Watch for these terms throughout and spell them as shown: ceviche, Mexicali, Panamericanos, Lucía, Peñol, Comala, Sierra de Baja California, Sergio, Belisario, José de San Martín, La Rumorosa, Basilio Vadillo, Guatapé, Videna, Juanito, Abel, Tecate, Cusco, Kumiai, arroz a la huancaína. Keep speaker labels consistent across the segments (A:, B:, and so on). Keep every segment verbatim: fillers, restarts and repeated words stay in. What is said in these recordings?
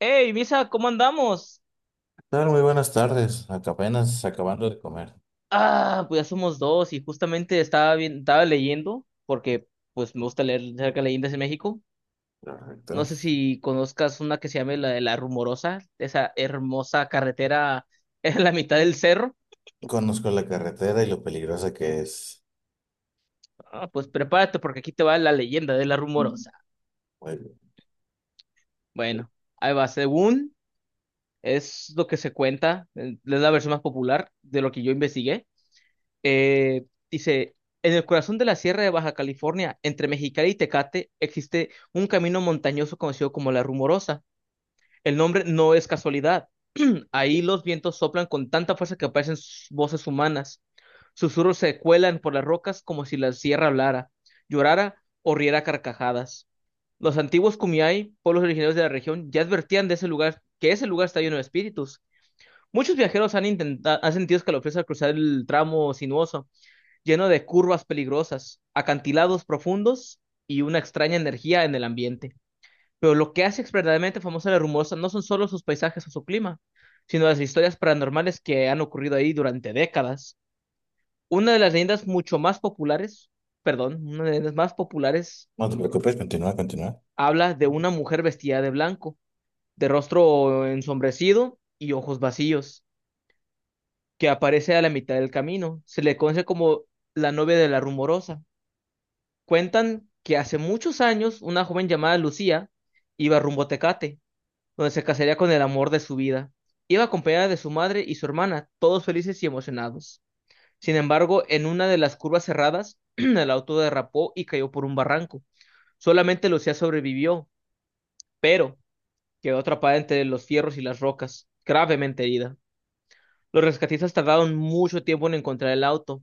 A: Hey, Misa, ¿cómo andamos?
B: ¿Tal? Muy buenas tardes. Acá apenas acabando de comer.
A: Ah, pues ya somos dos y justamente estaba bien, estaba leyendo porque pues me gusta leer acerca de leyendas de México. No
B: Correcto.
A: sé si conozcas una que se llama la de la Rumorosa, esa hermosa carretera en la mitad del cerro.
B: Conozco la carretera y lo peligrosa que es.
A: Ah, pues prepárate porque aquí te va la leyenda de la Rumorosa.
B: Muy bien.
A: Bueno, ahí va. Según es lo que se cuenta, eh, es la versión más popular de lo que yo investigué. Eh, dice, en el corazón de la Sierra de Baja California, entre Mexicali y Tecate, existe un camino montañoso conocido como La Rumorosa. El nombre no es casualidad. Ahí los vientos soplan con tanta fuerza que parecen s- voces humanas. Susurros se cuelan por las rocas como si la sierra hablara, llorara o riera a carcajadas. Los antiguos Kumiai, pueblos originarios de la región, ya advertían de ese lugar que ese lugar está lleno de espíritus. Muchos viajeros han intentado, han sentido escalofríos al cruzar el tramo sinuoso lleno de curvas peligrosas, acantilados profundos y una extraña energía en el ambiente. Pero lo que hace verdaderamente famosa la Rumosa no son solo sus paisajes o su clima, sino las historias paranormales que han ocurrido ahí durante décadas. Una de las leyendas mucho más populares, perdón, una de las leyendas más populares
B: No te preocupes, continúa, continúa.
A: habla de una mujer vestida de blanco, de rostro ensombrecido y ojos vacíos, que aparece a la mitad del camino. Se le conoce como la novia de la Rumorosa. Cuentan que hace muchos años una joven llamada Lucía iba rumbo a Tecate, donde se casaría con el amor de su vida. Iba acompañada de su madre y su hermana, todos felices y emocionados. Sin embargo, en una de las curvas cerradas, el auto derrapó y cayó por un barranco. Solamente Lucía sobrevivió, pero quedó atrapada entre los fierros y las rocas, gravemente herida. Los rescatistas tardaron mucho tiempo en encontrar el auto,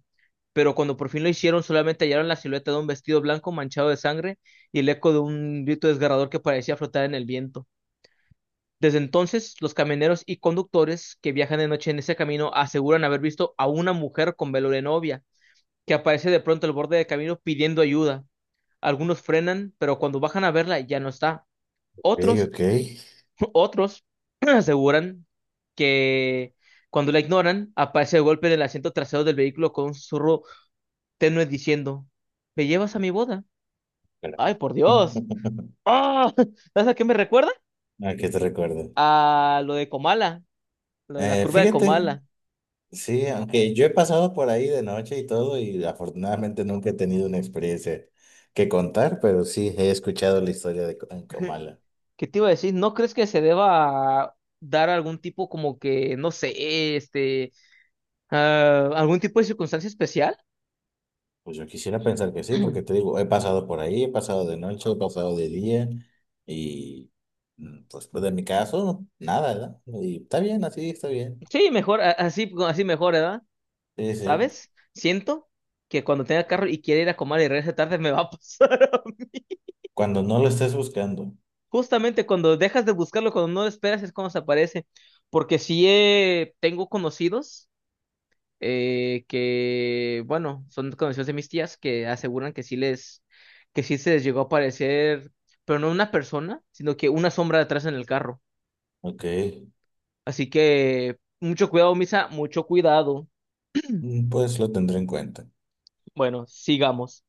A: pero cuando por fin lo hicieron, solamente hallaron la silueta de un vestido blanco manchado de sangre y el eco de un grito desgarrador que parecía flotar en el viento. Desde entonces, los camioneros y conductores que viajan de noche en ese camino aseguran haber visto a una mujer con velo de novia, que aparece de pronto al borde del camino pidiendo ayuda. Algunos frenan, pero cuando bajan a verla ya no está. Otros
B: Ok,
A: otros aseguran que cuando la ignoran, aparece el golpe del asiento trasero del vehículo con un susurro tenue diciendo, ¿me llevas a mi boda?
B: ok.
A: ¡Ay, por Dios! ¡Ah! ¿Sabes a qué me recuerda?
B: Ah, que te recuerdo.
A: A lo de Comala, lo de la
B: Eh,
A: curva de
B: fíjate,
A: Comala.
B: sí, aunque yo he pasado por ahí de noche y todo, y afortunadamente nunca he tenido una experiencia que contar, pero sí he escuchado la historia de Co- en Comala.
A: ¿Qué te iba a decir? ¿No crees que se deba dar algún tipo como que, no sé, este, ah, algún tipo de circunstancia especial?
B: Pues yo quisiera pensar que sí, porque te digo, he pasado por ahí, he pasado de noche, he pasado de día, y mm, pues pues, de mi caso, nada, ¿verdad? Y está bien, así está bien.
A: Sí, mejor, a- así, así mejor, ¿verdad?
B: Sí, sí.
A: ¿Sabes? Siento que cuando tenga carro y quiera ir a comer y regrese tarde me va a pasar. a mí.
B: Cuando no lo estés buscando,
A: Justamente cuando dejas de buscarlo, cuando no lo esperas, es cuando se aparece. Porque sí eh, tengo conocidos eh, que, bueno, son conocidos de mis tías que aseguran que sí les, que sí se les llegó a aparecer, pero no una persona, sino que una sombra detrás en el carro.
B: ok,
A: Así que mucho cuidado, Misa, mucho cuidado.
B: mm, pues lo tendré en cuenta.
A: Bueno, sigamos.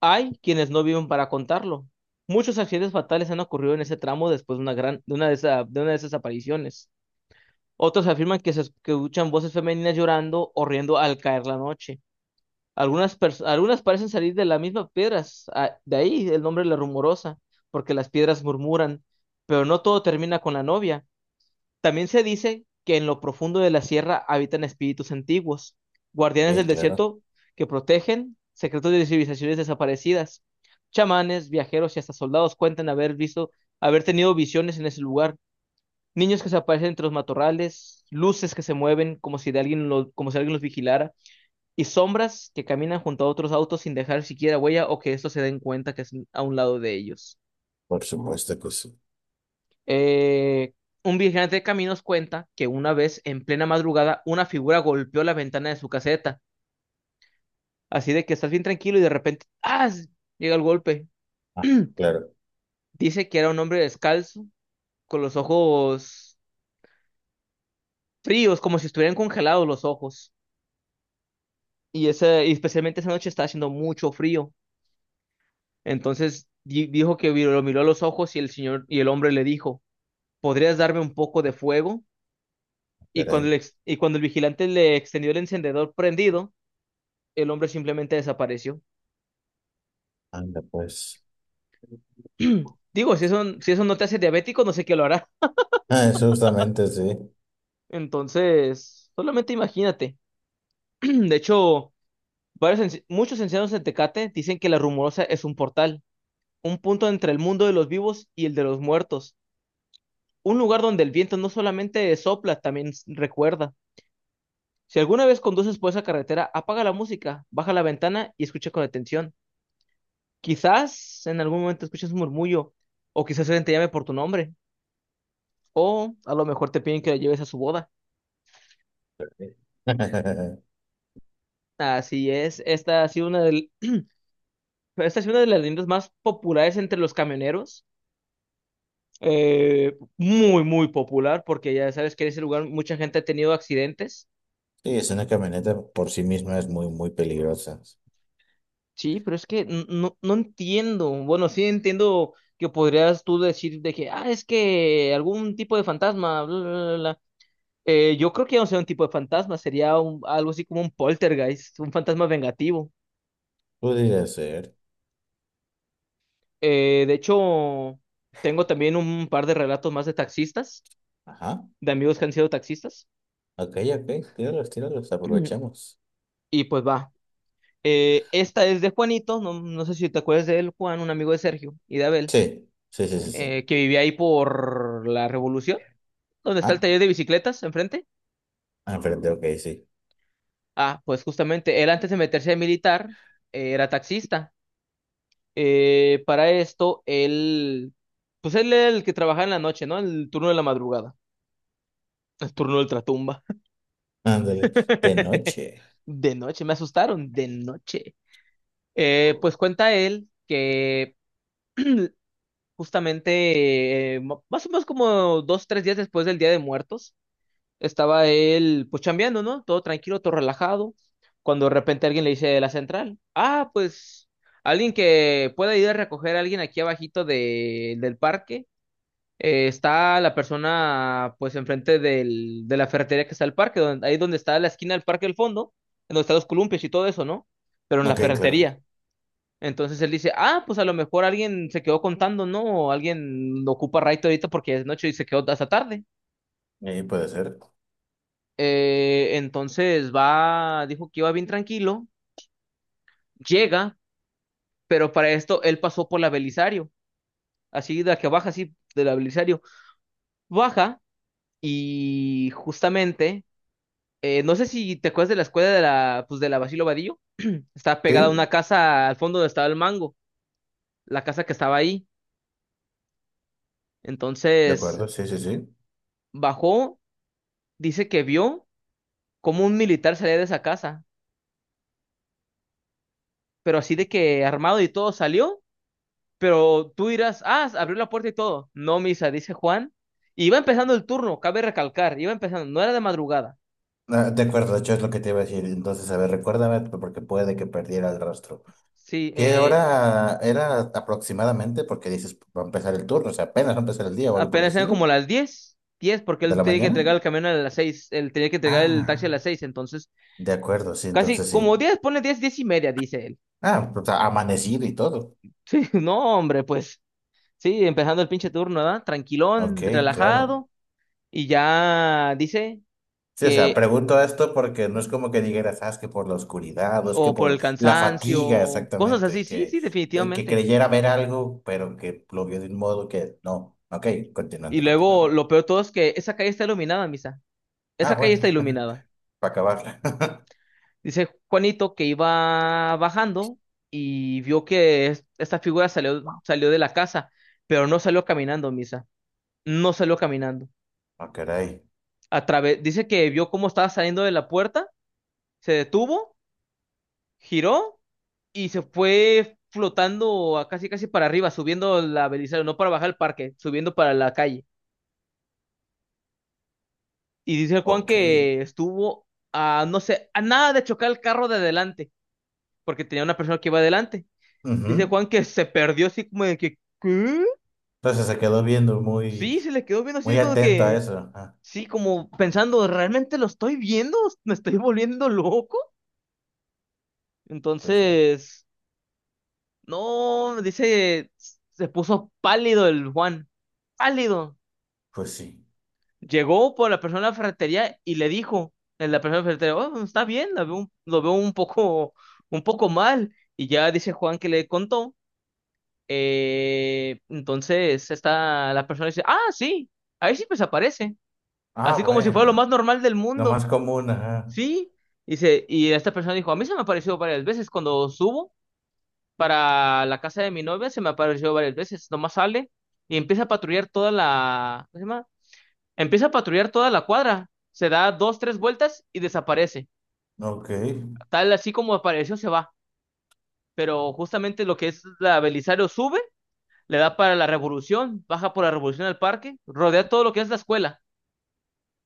A: Hay quienes no viven para contarlo. Muchos accidentes fatales han ocurrido en ese tramo después de una gran, de una de esa- de una de esas apariciones. Otros afirman que se escuchan voces femeninas llorando o riendo al caer la noche. Algunas, pers- algunas parecen salir de las mismas piedras, ah, de ahí el nombre La Rumorosa, porque las piedras murmuran. Pero no todo termina con la novia. También se dice que en lo profundo de la sierra habitan espíritus antiguos, guardianes
B: Sí,
A: del
B: claro.
A: desierto que protegen secretos de civilizaciones desaparecidas. Chamanes, viajeros y hasta soldados cuentan haber visto, haber tenido visiones en ese lugar. Niños que se aparecen entre los matorrales, luces que se mueven como si, de alguien lo- como si alguien los vigilara, y sombras que caminan junto a otros autos sin dejar siquiera huella o que estos se den cuenta que es a un lado de ellos.
B: Por supuesto que sí.
A: Eh, un vigilante de caminos cuenta que una vez en plena madrugada una figura golpeó la ventana de su caseta. Así de que estás bien tranquilo y de repente ¡ah! Llega el golpe.
B: Ajá, claro,
A: Dice que era un hombre descalzo, con los ojos fríos, como si estuvieran congelados los ojos. Y, ese, y especialmente esa noche estaba haciendo mucho frío. Entonces di- dijo que vi- lo miró a los ojos y el señor y el hombre le dijo, ¿podrías darme un poco de fuego? Y cuando
B: caray.
A: el, ex- y cuando el vigilante le extendió el encendedor prendido, el hombre simplemente desapareció.
B: Anda, pues.
A: Digo, si eso, si eso no te hace diabético, no sé qué lo hará.
B: Ah, eso justamente, sí.
A: Entonces, solamente imagínate. De hecho, varios enci- muchos ancianos de Tecate dicen que la Rumorosa es un portal, un punto entre el mundo de los vivos y el de los muertos, un lugar donde el viento no solamente sopla, también s- recuerda. Si alguna vez conduces por esa carretera, apaga la música, baja la ventana y escucha con atención. Quizás en algún momento escuches un murmullo, o quizás alguien te llame por tu nombre. O a lo mejor te piden que la lleves a su boda.
B: Sí,
A: Así es, esta ha sido una del- esta ha sido una de las líneas más populares entre los camioneros. Eh, muy, muy popular, porque ya sabes que en ese lugar mucha gente ha tenido accidentes.
B: sí, es una camioneta por sí misma, es muy, muy peligrosa.
A: Sí, pero es que n- no, no entiendo. Bueno, sí entiendo que podrías tú decir de que, ah, es que algún tipo de fantasma, bla, bla, bla, bla. Eh, yo creo que no sería un tipo de fantasma, sería un- algo así como un poltergeist, un fantasma vengativo.
B: Podría ser.
A: Eh, de hecho, tengo también un par de relatos más de taxistas,
B: Ajá.
A: de amigos que han sido taxistas.
B: Ok, ok. Tíralos, tíralos, aprovechemos.
A: Y pues va. Eh, esta es de Juanito, no, no sé si te acuerdas de él, Juan, un amigo de Sergio y de Abel,
B: Sí, sí, sí, sí, sí.
A: eh, que vivía ahí por la Revolución, donde está el
B: Ah,
A: taller de bicicletas enfrente.
B: enfrente, ok, sí.
A: Ah, pues justamente, él antes de meterse a militar, eh, era taxista. Eh, para esto, él, pues él era el que trabajaba en la noche, ¿no? El turno de la madrugada, el turno de ultratumba.
B: Ándale. De noche.
A: De noche, me asustaron, de noche. Eh, pues cuenta él que justamente eh, mo- más o menos como dos, tres días después del Día de Muertos, estaba él pues chambeando, ¿no? Todo tranquilo, todo relajado, cuando de repente alguien le dice de la central, ah, pues alguien que pueda ir a recoger a alguien aquí abajito de, del parque eh, está la persona pues enfrente del, de la ferretería que está el parque, donde, ahí donde está la esquina del parque del fondo, en donde están los columpios y todo eso, ¿no? Pero en la
B: Ok, claro.
A: ferretería. Entonces él dice, ah, pues a lo mejor alguien se quedó contando, ¿no? O alguien ocupa Raito ahorita porque es noche y se quedó hasta tarde.
B: Ahí puede ser.
A: Eh, entonces va, dijo que iba bien tranquilo, llega, pero para esto él pasó por la Belisario, así de la que baja, así de la Belisario, baja y justamente. Eh, no sé si te acuerdas de la escuela de la, pues de la Basilio Vadillo. Estaba pegada a
B: Sí,
A: una casa al fondo donde estaba el mango, la casa que estaba ahí.
B: de
A: Entonces
B: acuerdo, sí, sí, sí.
A: bajó, dice que vio cómo un militar salía de esa casa, pero así de que armado y todo salió. Pero tú dirás, ah, abrió la puerta y todo. No, Misa, dice Juan. Iba empezando el turno, cabe recalcar, iba empezando, no era de madrugada.
B: Ah, de acuerdo, de hecho es lo que te iba a decir. Entonces, a ver, recuérdame porque puede que perdiera el rastro.
A: Sí,
B: ¿Qué
A: eh,
B: hora era aproximadamente? Porque dices, va a empezar el turno, o sea, apenas va a empezar el día o algo por el
A: apenas eran
B: estilo,
A: como las diez diez porque
B: de
A: él
B: la
A: tenía que
B: mañana.
A: entregar el camión a las seis, él tenía que entregar el taxi a
B: Ah,
A: las seis, entonces
B: de acuerdo, sí,
A: casi
B: entonces sí.
A: como diez pone diez diez y media, dice él.
B: Ah, o sea, amanecido y todo.
A: Sí, no, hombre, pues sí, empezando el pinche turno, ¿verdad?
B: Ok,
A: Tranquilón,
B: claro.
A: relajado, y ya dice
B: Sí, o sea,
A: que,
B: pregunto esto porque no es como que dijeras, ah, es que por la oscuridad, o es que
A: o por el
B: por la fatiga,
A: cansancio, cosas
B: exactamente,
A: así, sí,
B: que,
A: sí,
B: eh, que
A: definitivamente.
B: creyera ver algo, pero que lo vio de un modo que no. Ok,
A: Y
B: continuando,
A: luego
B: continuando.
A: lo peor de todo es que esa calle está iluminada, Misa.
B: Ah,
A: Esa calle está
B: bueno,
A: iluminada.
B: para acabarla.
A: Dice Juanito que iba bajando y vio que es- esta figura salió, salió de la casa, pero no salió caminando, Misa. No salió caminando.
B: Ah, caray.
A: A través, dice que vio cómo estaba saliendo de la puerta, se detuvo, giró y se fue flotando a casi casi para arriba, subiendo la Belisario, no para bajar el parque, subiendo para la calle. Y dice Juan
B: Ok.
A: que estuvo a, no sé, a nada de chocar el carro de adelante, porque tenía una persona que iba adelante. Dice
B: Ujú.
A: Juan que se perdió así como de que, ¿qué?
B: Entonces se quedó viendo
A: Sí,
B: muy,
A: se le quedó viendo
B: muy
A: así como
B: atento a
A: que,
B: eso. Ah,
A: sí, como pensando, ¿realmente lo estoy viendo? ¿Me estoy volviendo loco?
B: pues sí,
A: Entonces, no, dice, se puso pálido el Juan, pálido.
B: pues sí.
A: Llegó por la persona de la ferretería y le dijo, en la persona de la ferretería, oh, pues, está bien, lo veo, un- lo veo un poco, un poco mal. Y ya dice Juan que le contó. Eh, entonces está la persona dice, ah, sí, ahí sí pues aparece.
B: Ah,
A: Así como si fuera lo más
B: bueno,
A: normal del
B: lo más
A: mundo.
B: común, ajá.
A: Sí. Dice, y esta persona dijo, a mí se me apareció varias veces cuando subo para la casa de mi novia, se me apareció varias veces. Nomás sale y empieza a patrullar toda la... ¿Cómo se llama? Empieza a patrullar toda la cuadra. Se da dos, tres vueltas y desaparece.
B: Ok,
A: Tal así como apareció, se va. Pero justamente lo que es la Belisario sube, le da para la Revolución, baja por la Revolución al parque, rodea todo lo que es la escuela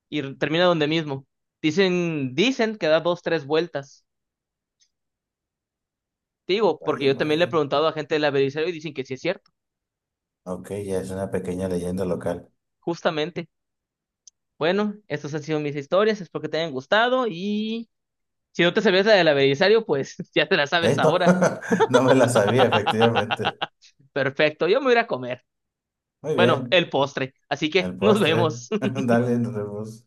A: y r- termina donde mismo. Dicen, dicen que da dos, tres vueltas. Te digo, porque
B: vaya,
A: yo también le he
B: vaya.
A: preguntado a gente de la Belisario y dicen que sí es cierto,
B: Ok, ya es una pequeña leyenda local.
A: justamente. Bueno, estas han sido mis historias, espero que te hayan gustado y si no te sabías la del Belisario, pues ya te la sabes
B: Eh, no,
A: ahora.
B: no me la sabía, efectivamente.
A: Perfecto, yo me voy a ir a comer.
B: Muy
A: Bueno,
B: bien,
A: el postre. Así que
B: el
A: nos
B: postre.
A: vemos.
B: Dale, nos vemos.